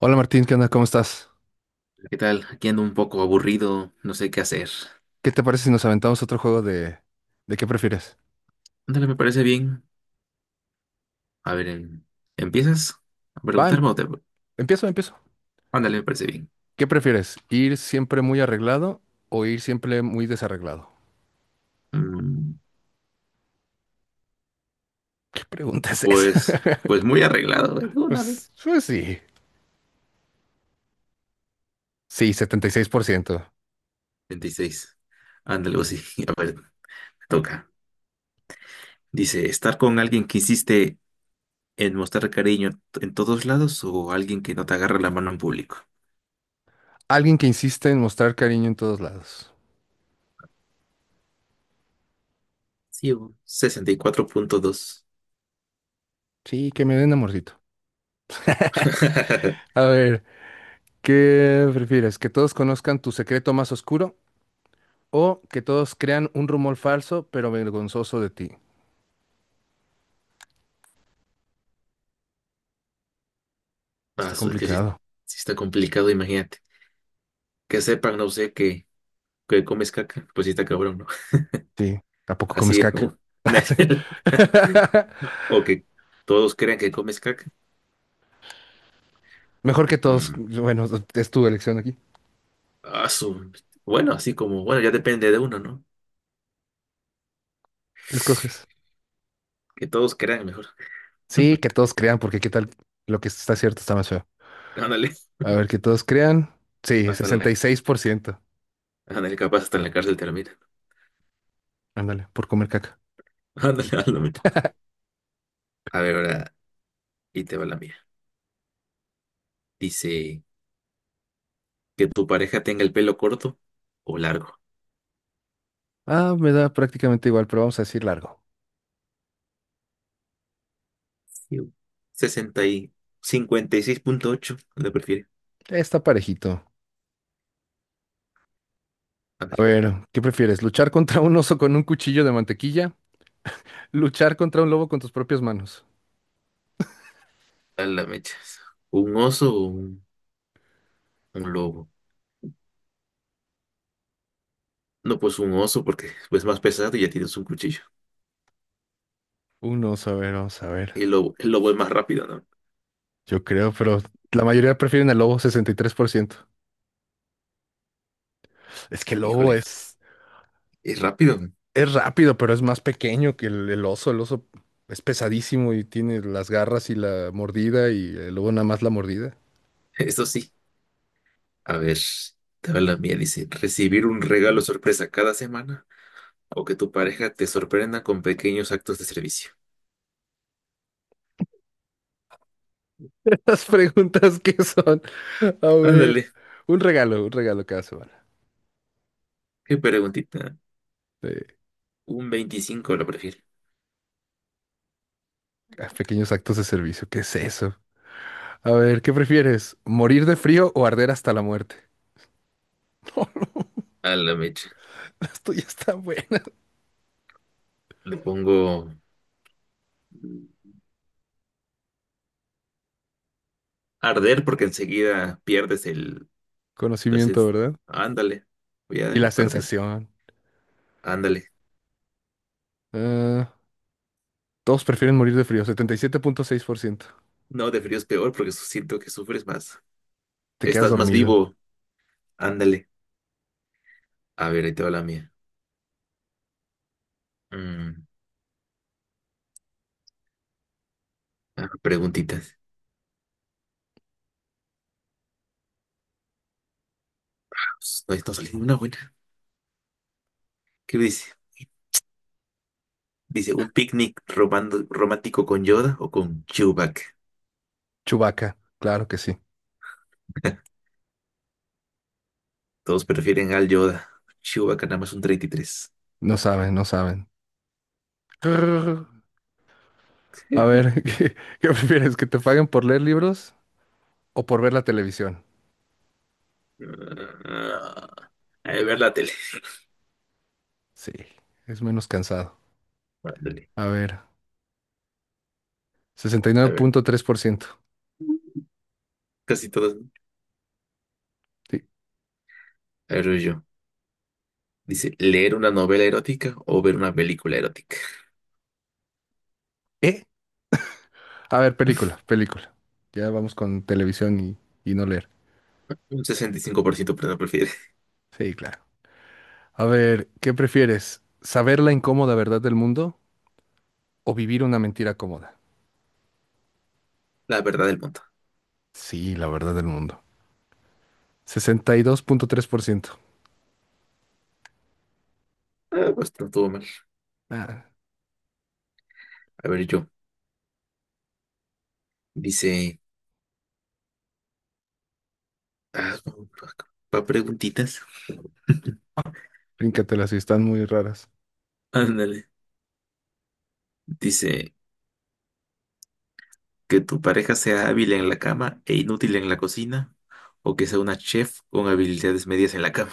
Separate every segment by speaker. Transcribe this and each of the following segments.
Speaker 1: Hola Martín, ¿qué onda? ¿Cómo estás?
Speaker 2: ¿Qué tal? Aquí ando un poco aburrido, no sé qué hacer.
Speaker 1: ¿Qué te parece si nos aventamos otro juego de qué prefieres?
Speaker 2: Ándale, me parece bien. A ver, ¿empiezas a
Speaker 1: Va,
Speaker 2: preguntarme o te.
Speaker 1: empiezo, empiezo.
Speaker 2: Ándale, me parece bien.
Speaker 1: ¿Qué prefieres? ¿Ir siempre muy arreglado o ir siempre muy desarreglado?
Speaker 2: Mm,
Speaker 1: ¿Qué pregunta es esa?
Speaker 2: pues, pues muy arreglado, güey, de una vez.
Speaker 1: Pues, pues sí. Sí, 76%.
Speaker 2: 26. Ándale, o sí. A ver, me toca. Dice, ¿estar con alguien que insiste en mostrar cariño en todos lados o alguien que no te agarra la mano en público?
Speaker 1: Alguien que insiste en mostrar cariño en todos lados.
Speaker 2: Sí, bo. 64.2.
Speaker 1: Sí, que me den amorcito. A ver, ¿qué prefieres? ¿Que todos conozcan tu secreto más oscuro o que todos crean un rumor falso pero vergonzoso de ti? Está
Speaker 2: Ah, es que sí,
Speaker 1: complicado.
Speaker 2: sí está complicado, imagínate. Que sepan, no sé, que comes caca, pues sí está cabrón, ¿no?
Speaker 1: Sí, ¿a poco comes
Speaker 2: Así,
Speaker 1: caca?
Speaker 2: o que todos crean que comes caca.
Speaker 1: Mejor que todos,
Speaker 2: Mm,
Speaker 1: bueno, es tu elección aquí.
Speaker 2: ah, bueno, así como, bueno, ya depende de uno, ¿no?
Speaker 1: ¿Qué escoges?
Speaker 2: Que todos crean mejor.
Speaker 1: Sí, que todos crean, porque qué tal lo que está cierto está más feo.
Speaker 2: Ándale,
Speaker 1: A ver, que todos crean. Sí,
Speaker 2: hasta en
Speaker 1: sesenta
Speaker 2: la,
Speaker 1: y seis por ciento.
Speaker 2: ándale, capaz hasta en la cárcel termina.
Speaker 1: Ándale, por comer caca.
Speaker 2: Ándale, ándale, mira. A ver, ahora, y te va la mía. Dice que tu pareja tenga el pelo corto o largo.
Speaker 1: Ah, me da prácticamente igual, pero vamos a decir largo.
Speaker 2: Iu. 60 y 56.8 le prefiere.
Speaker 1: Está parejito. A
Speaker 2: Ándale,
Speaker 1: ver, ¿qué prefieres? ¿Luchar contra un oso con un cuchillo de mantequilla? ¿Luchar contra un lobo con tus propias manos?
Speaker 2: a la mecha. ¿Un oso o un? Un lobo. No, pues un oso porque es más pesado y ya tienes un cuchillo.
Speaker 1: Un oso, a ver, vamos a ver.
Speaker 2: Y el lobo es más rápido, ¿no?
Speaker 1: Yo creo, pero la mayoría prefieren al lobo, 63%. Es que el lobo
Speaker 2: Híjole, es rápido.
Speaker 1: es rápido, pero es más pequeño que el oso. El oso es pesadísimo y tiene las garras y la mordida y el lobo nada más la mordida.
Speaker 2: Eso sí. A ver, te va la mía. Dice, recibir un regalo sorpresa cada semana o que tu pareja te sorprenda con pequeños actos de servicio.
Speaker 1: Las preguntas que son. A ver,
Speaker 2: Ándale,
Speaker 1: un regalo cada semana.
Speaker 2: qué preguntita.
Speaker 1: de-
Speaker 2: Un 25 lo prefiero.
Speaker 1: Pequeños actos de servicio. ¿Qué es eso? A ver, ¿qué prefieres? ¿Morir de frío o arder hasta la muerte? No,
Speaker 2: A la mecha.
Speaker 1: las tuyas están buenas.
Speaker 2: Le pongo arder porque enseguida pierdes el. las-
Speaker 1: Conocimiento,
Speaker 2: es-
Speaker 1: ¿verdad?
Speaker 2: Ándale, voy a
Speaker 1: Y la
Speaker 2: perder.
Speaker 1: sensación.
Speaker 2: Ándale.
Speaker 1: Ah, todos prefieren morir de frío, 77.6%.
Speaker 2: No, de frío es peor porque siento que sufres más.
Speaker 1: Te quedas
Speaker 2: Estás más
Speaker 1: dormido.
Speaker 2: vivo. Ándale. A ver, ahí te va la mía. Mm, ah, preguntitas. Pues, no, no salió una buena. ¿Qué dice? Dice, ¿un picnic romántico con Yoda o con Chewbacca?
Speaker 1: Chubaca, claro que sí.
Speaker 2: Todos prefieren al Yoda. Chewbacca nada más un 33.
Speaker 1: No saben, no saben. Grrr. A ver, ¿qué, qué prefieres? ¿Que te paguen por leer libros o por ver la televisión?
Speaker 2: Ah, a ver la tele.
Speaker 1: Sí, es menos cansado.
Speaker 2: Ándale.
Speaker 1: A ver,
Speaker 2: A ver,
Speaker 1: 69.3%.
Speaker 2: casi todas, ¿no?
Speaker 1: Sí.
Speaker 2: A ver, voy yo. Dice, ¿leer una novela erótica o ver una película erótica?
Speaker 1: ¿Eh? A ver, película, película. Ya vamos con televisión y no leer.
Speaker 2: Un 65% prefiere
Speaker 1: Sí, claro. A ver, ¿qué prefieres? ¿Saber la incómoda verdad del mundo o vivir una mentira cómoda?
Speaker 2: la verdad del mundo.
Speaker 1: Sí, la verdad del mundo. 62.3%.
Speaker 2: Ah, pues no todo mal.
Speaker 1: Ah,
Speaker 2: A ver, yo. Dice. Ah, no, pa preguntitas.
Speaker 1: bríncatelas y están muy raras.
Speaker 2: Ándale. Dice que tu pareja sea hábil en la cama e inútil en la cocina, o que sea una chef con habilidades medias en la cama.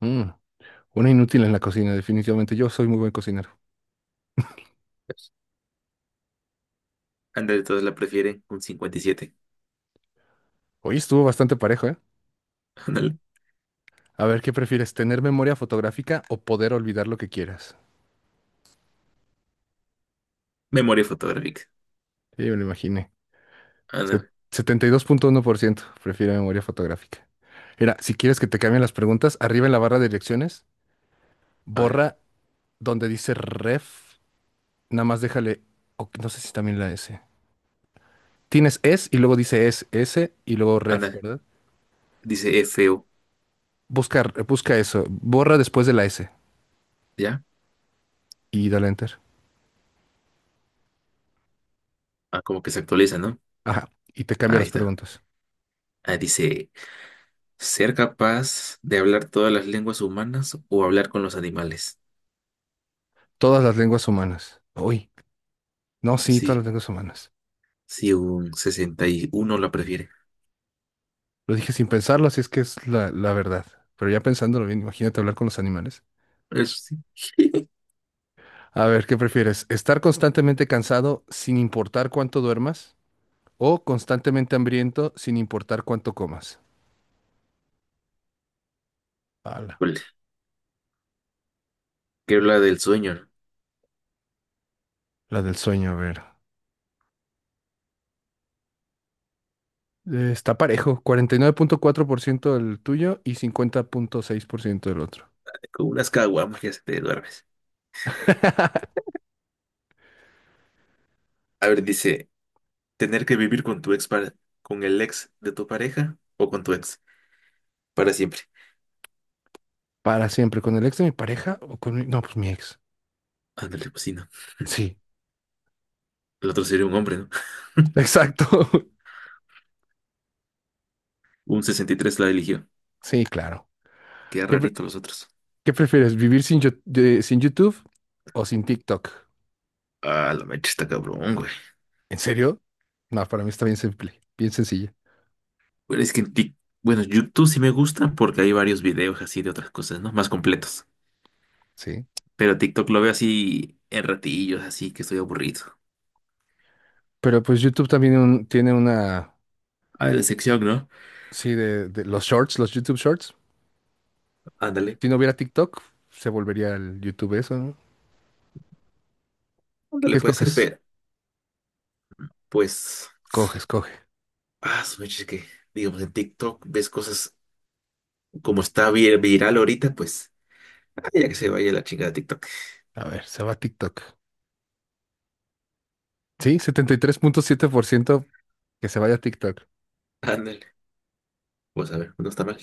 Speaker 1: Mm. Una inútil en la cocina, definitivamente. Yo soy muy buen cocinero.
Speaker 2: Ándale, todos la prefieren un 57.
Speaker 1: Hoy estuvo bastante parejo, ¿eh?
Speaker 2: Ándale.
Speaker 1: A ver, ¿qué prefieres? ¿Tener memoria fotográfica o poder olvidar lo que quieras?
Speaker 2: Memoria fotográfica.
Speaker 1: Sí, me lo imaginé.
Speaker 2: Ándale.
Speaker 1: 72.1% prefiere memoria fotográfica. Mira, si quieres que te cambien las preguntas, arriba en la barra de direcciones,
Speaker 2: A ver.
Speaker 1: borra donde dice ref, nada más déjale, o no sé si también la S. Tienes es y luego dice es, S y luego ref,
Speaker 2: Ándale.
Speaker 1: ¿verdad?
Speaker 2: Dice es feo.
Speaker 1: Busca, busca eso, borra después de la S
Speaker 2: ¿Ya?
Speaker 1: y dale enter.
Speaker 2: Ah, como que se actualiza, ¿no?
Speaker 1: Ajá, y te cambia
Speaker 2: Ahí
Speaker 1: las
Speaker 2: está.
Speaker 1: preguntas.
Speaker 2: Ah, dice ser capaz de hablar todas las lenguas humanas o hablar con los animales.
Speaker 1: Todas las lenguas humanas. Uy, no, sí, todas
Speaker 2: Sí,
Speaker 1: las lenguas humanas.
Speaker 2: si un 61 la prefiere.
Speaker 1: Lo dije sin pensarlo, así es que es la verdad. Pero ya pensándolo bien, imagínate hablar con los animales.
Speaker 2: Eso sí.
Speaker 1: A ver, ¿qué prefieres? ¿Estar constantemente cansado sin importar cuánto duermas? ¿O constantemente hambriento sin importar cuánto comas? Ala,
Speaker 2: Híjole, que habla del sueño, ¿no?
Speaker 1: la del sueño, a ver. Está parejo, 49.4% del tuyo y 50.6% del otro.
Speaker 2: Con unas caguamas ya se te duermes. A ver, dice, tener que vivir con tu ex para, con el ex de tu pareja o con tu ex para siempre.
Speaker 1: Para siempre, ¿con el ex de mi pareja o con mi... No, pues mi ex.
Speaker 2: Ándale, pues sí, no.
Speaker 1: Sí,
Speaker 2: El otro sería un hombre, ¿no?
Speaker 1: exacto.
Speaker 2: Un 63 la eligió.
Speaker 1: Sí, claro.
Speaker 2: Qué
Speaker 1: ¿Qué,
Speaker 2: rarito los otros.
Speaker 1: ¿Qué prefieres, vivir sin, sin YouTube o sin TikTok?
Speaker 2: Ah, la mecha está cabrón, güey.
Speaker 1: ¿En serio? No, para mí está bien simple, bien sencilla,
Speaker 2: Bueno, es que bueno, YouTube sí me gusta porque hay varios videos así de otras cosas, ¿no? Más completos.
Speaker 1: sí.
Speaker 2: Pero TikTok lo veo así en ratillos, así que estoy aburrido.
Speaker 1: Pero pues YouTube también tiene una,
Speaker 2: A ver, sección, ¿no?
Speaker 1: sí, de, los shorts, los YouTube Shorts.
Speaker 2: Ándale,
Speaker 1: Si no hubiera TikTok, se volvería el YouTube eso, ¿no? ¿Qué
Speaker 2: ándale, puede ser,
Speaker 1: escoges?
Speaker 2: pero pues,
Speaker 1: Coges, coge.
Speaker 2: ah, su mecha, es que, digamos, en TikTok ves cosas como está viral ahorita, pues, ah, ya que se vaya la chingada de TikTok.
Speaker 1: A ver, se va a TikTok. Sí, 73.7% que se vaya a TikTok.
Speaker 2: Ándale, pues a ver, no está mal.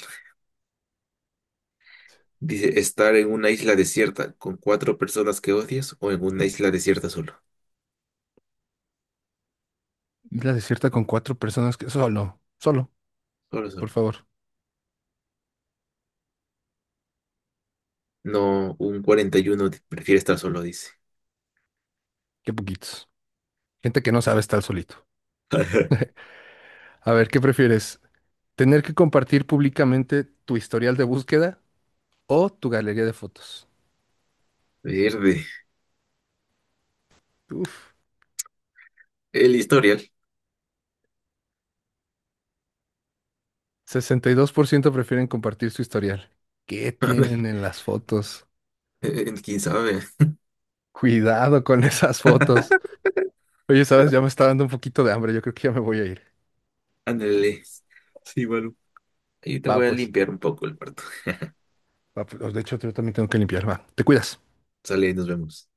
Speaker 2: Dice, estar en una isla desierta con cuatro personas que odias o en una isla desierta solo.
Speaker 1: Isla desierta con cuatro personas que... Solo, solo,
Speaker 2: Solo,
Speaker 1: por
Speaker 2: solo.
Speaker 1: favor.
Speaker 2: No, un 41 prefiere estar solo, dice.
Speaker 1: Qué poquitos. Gente que no sabe estar solito. A ver, ¿qué prefieres? Tener que compartir públicamente tu historial de búsqueda o tu galería de fotos.
Speaker 2: Verde.
Speaker 1: Uf,
Speaker 2: El historial.
Speaker 1: 62% prefieren compartir su historial. ¿Qué
Speaker 2: Ándale,
Speaker 1: tienen en las fotos?
Speaker 2: quién sabe.
Speaker 1: Cuidado con esas fotos. Oye, sabes, ya me está dando un poquito de hambre. Yo creo que ya me voy a ir.
Speaker 2: Ándale. Sí, bueno. Ahí te
Speaker 1: Va,
Speaker 2: voy a
Speaker 1: pues.
Speaker 2: limpiar un poco el cuarto.
Speaker 1: Va, pues. De hecho, yo también tengo que limpiar. Va, te cuidas.
Speaker 2: Sale, nos vemos.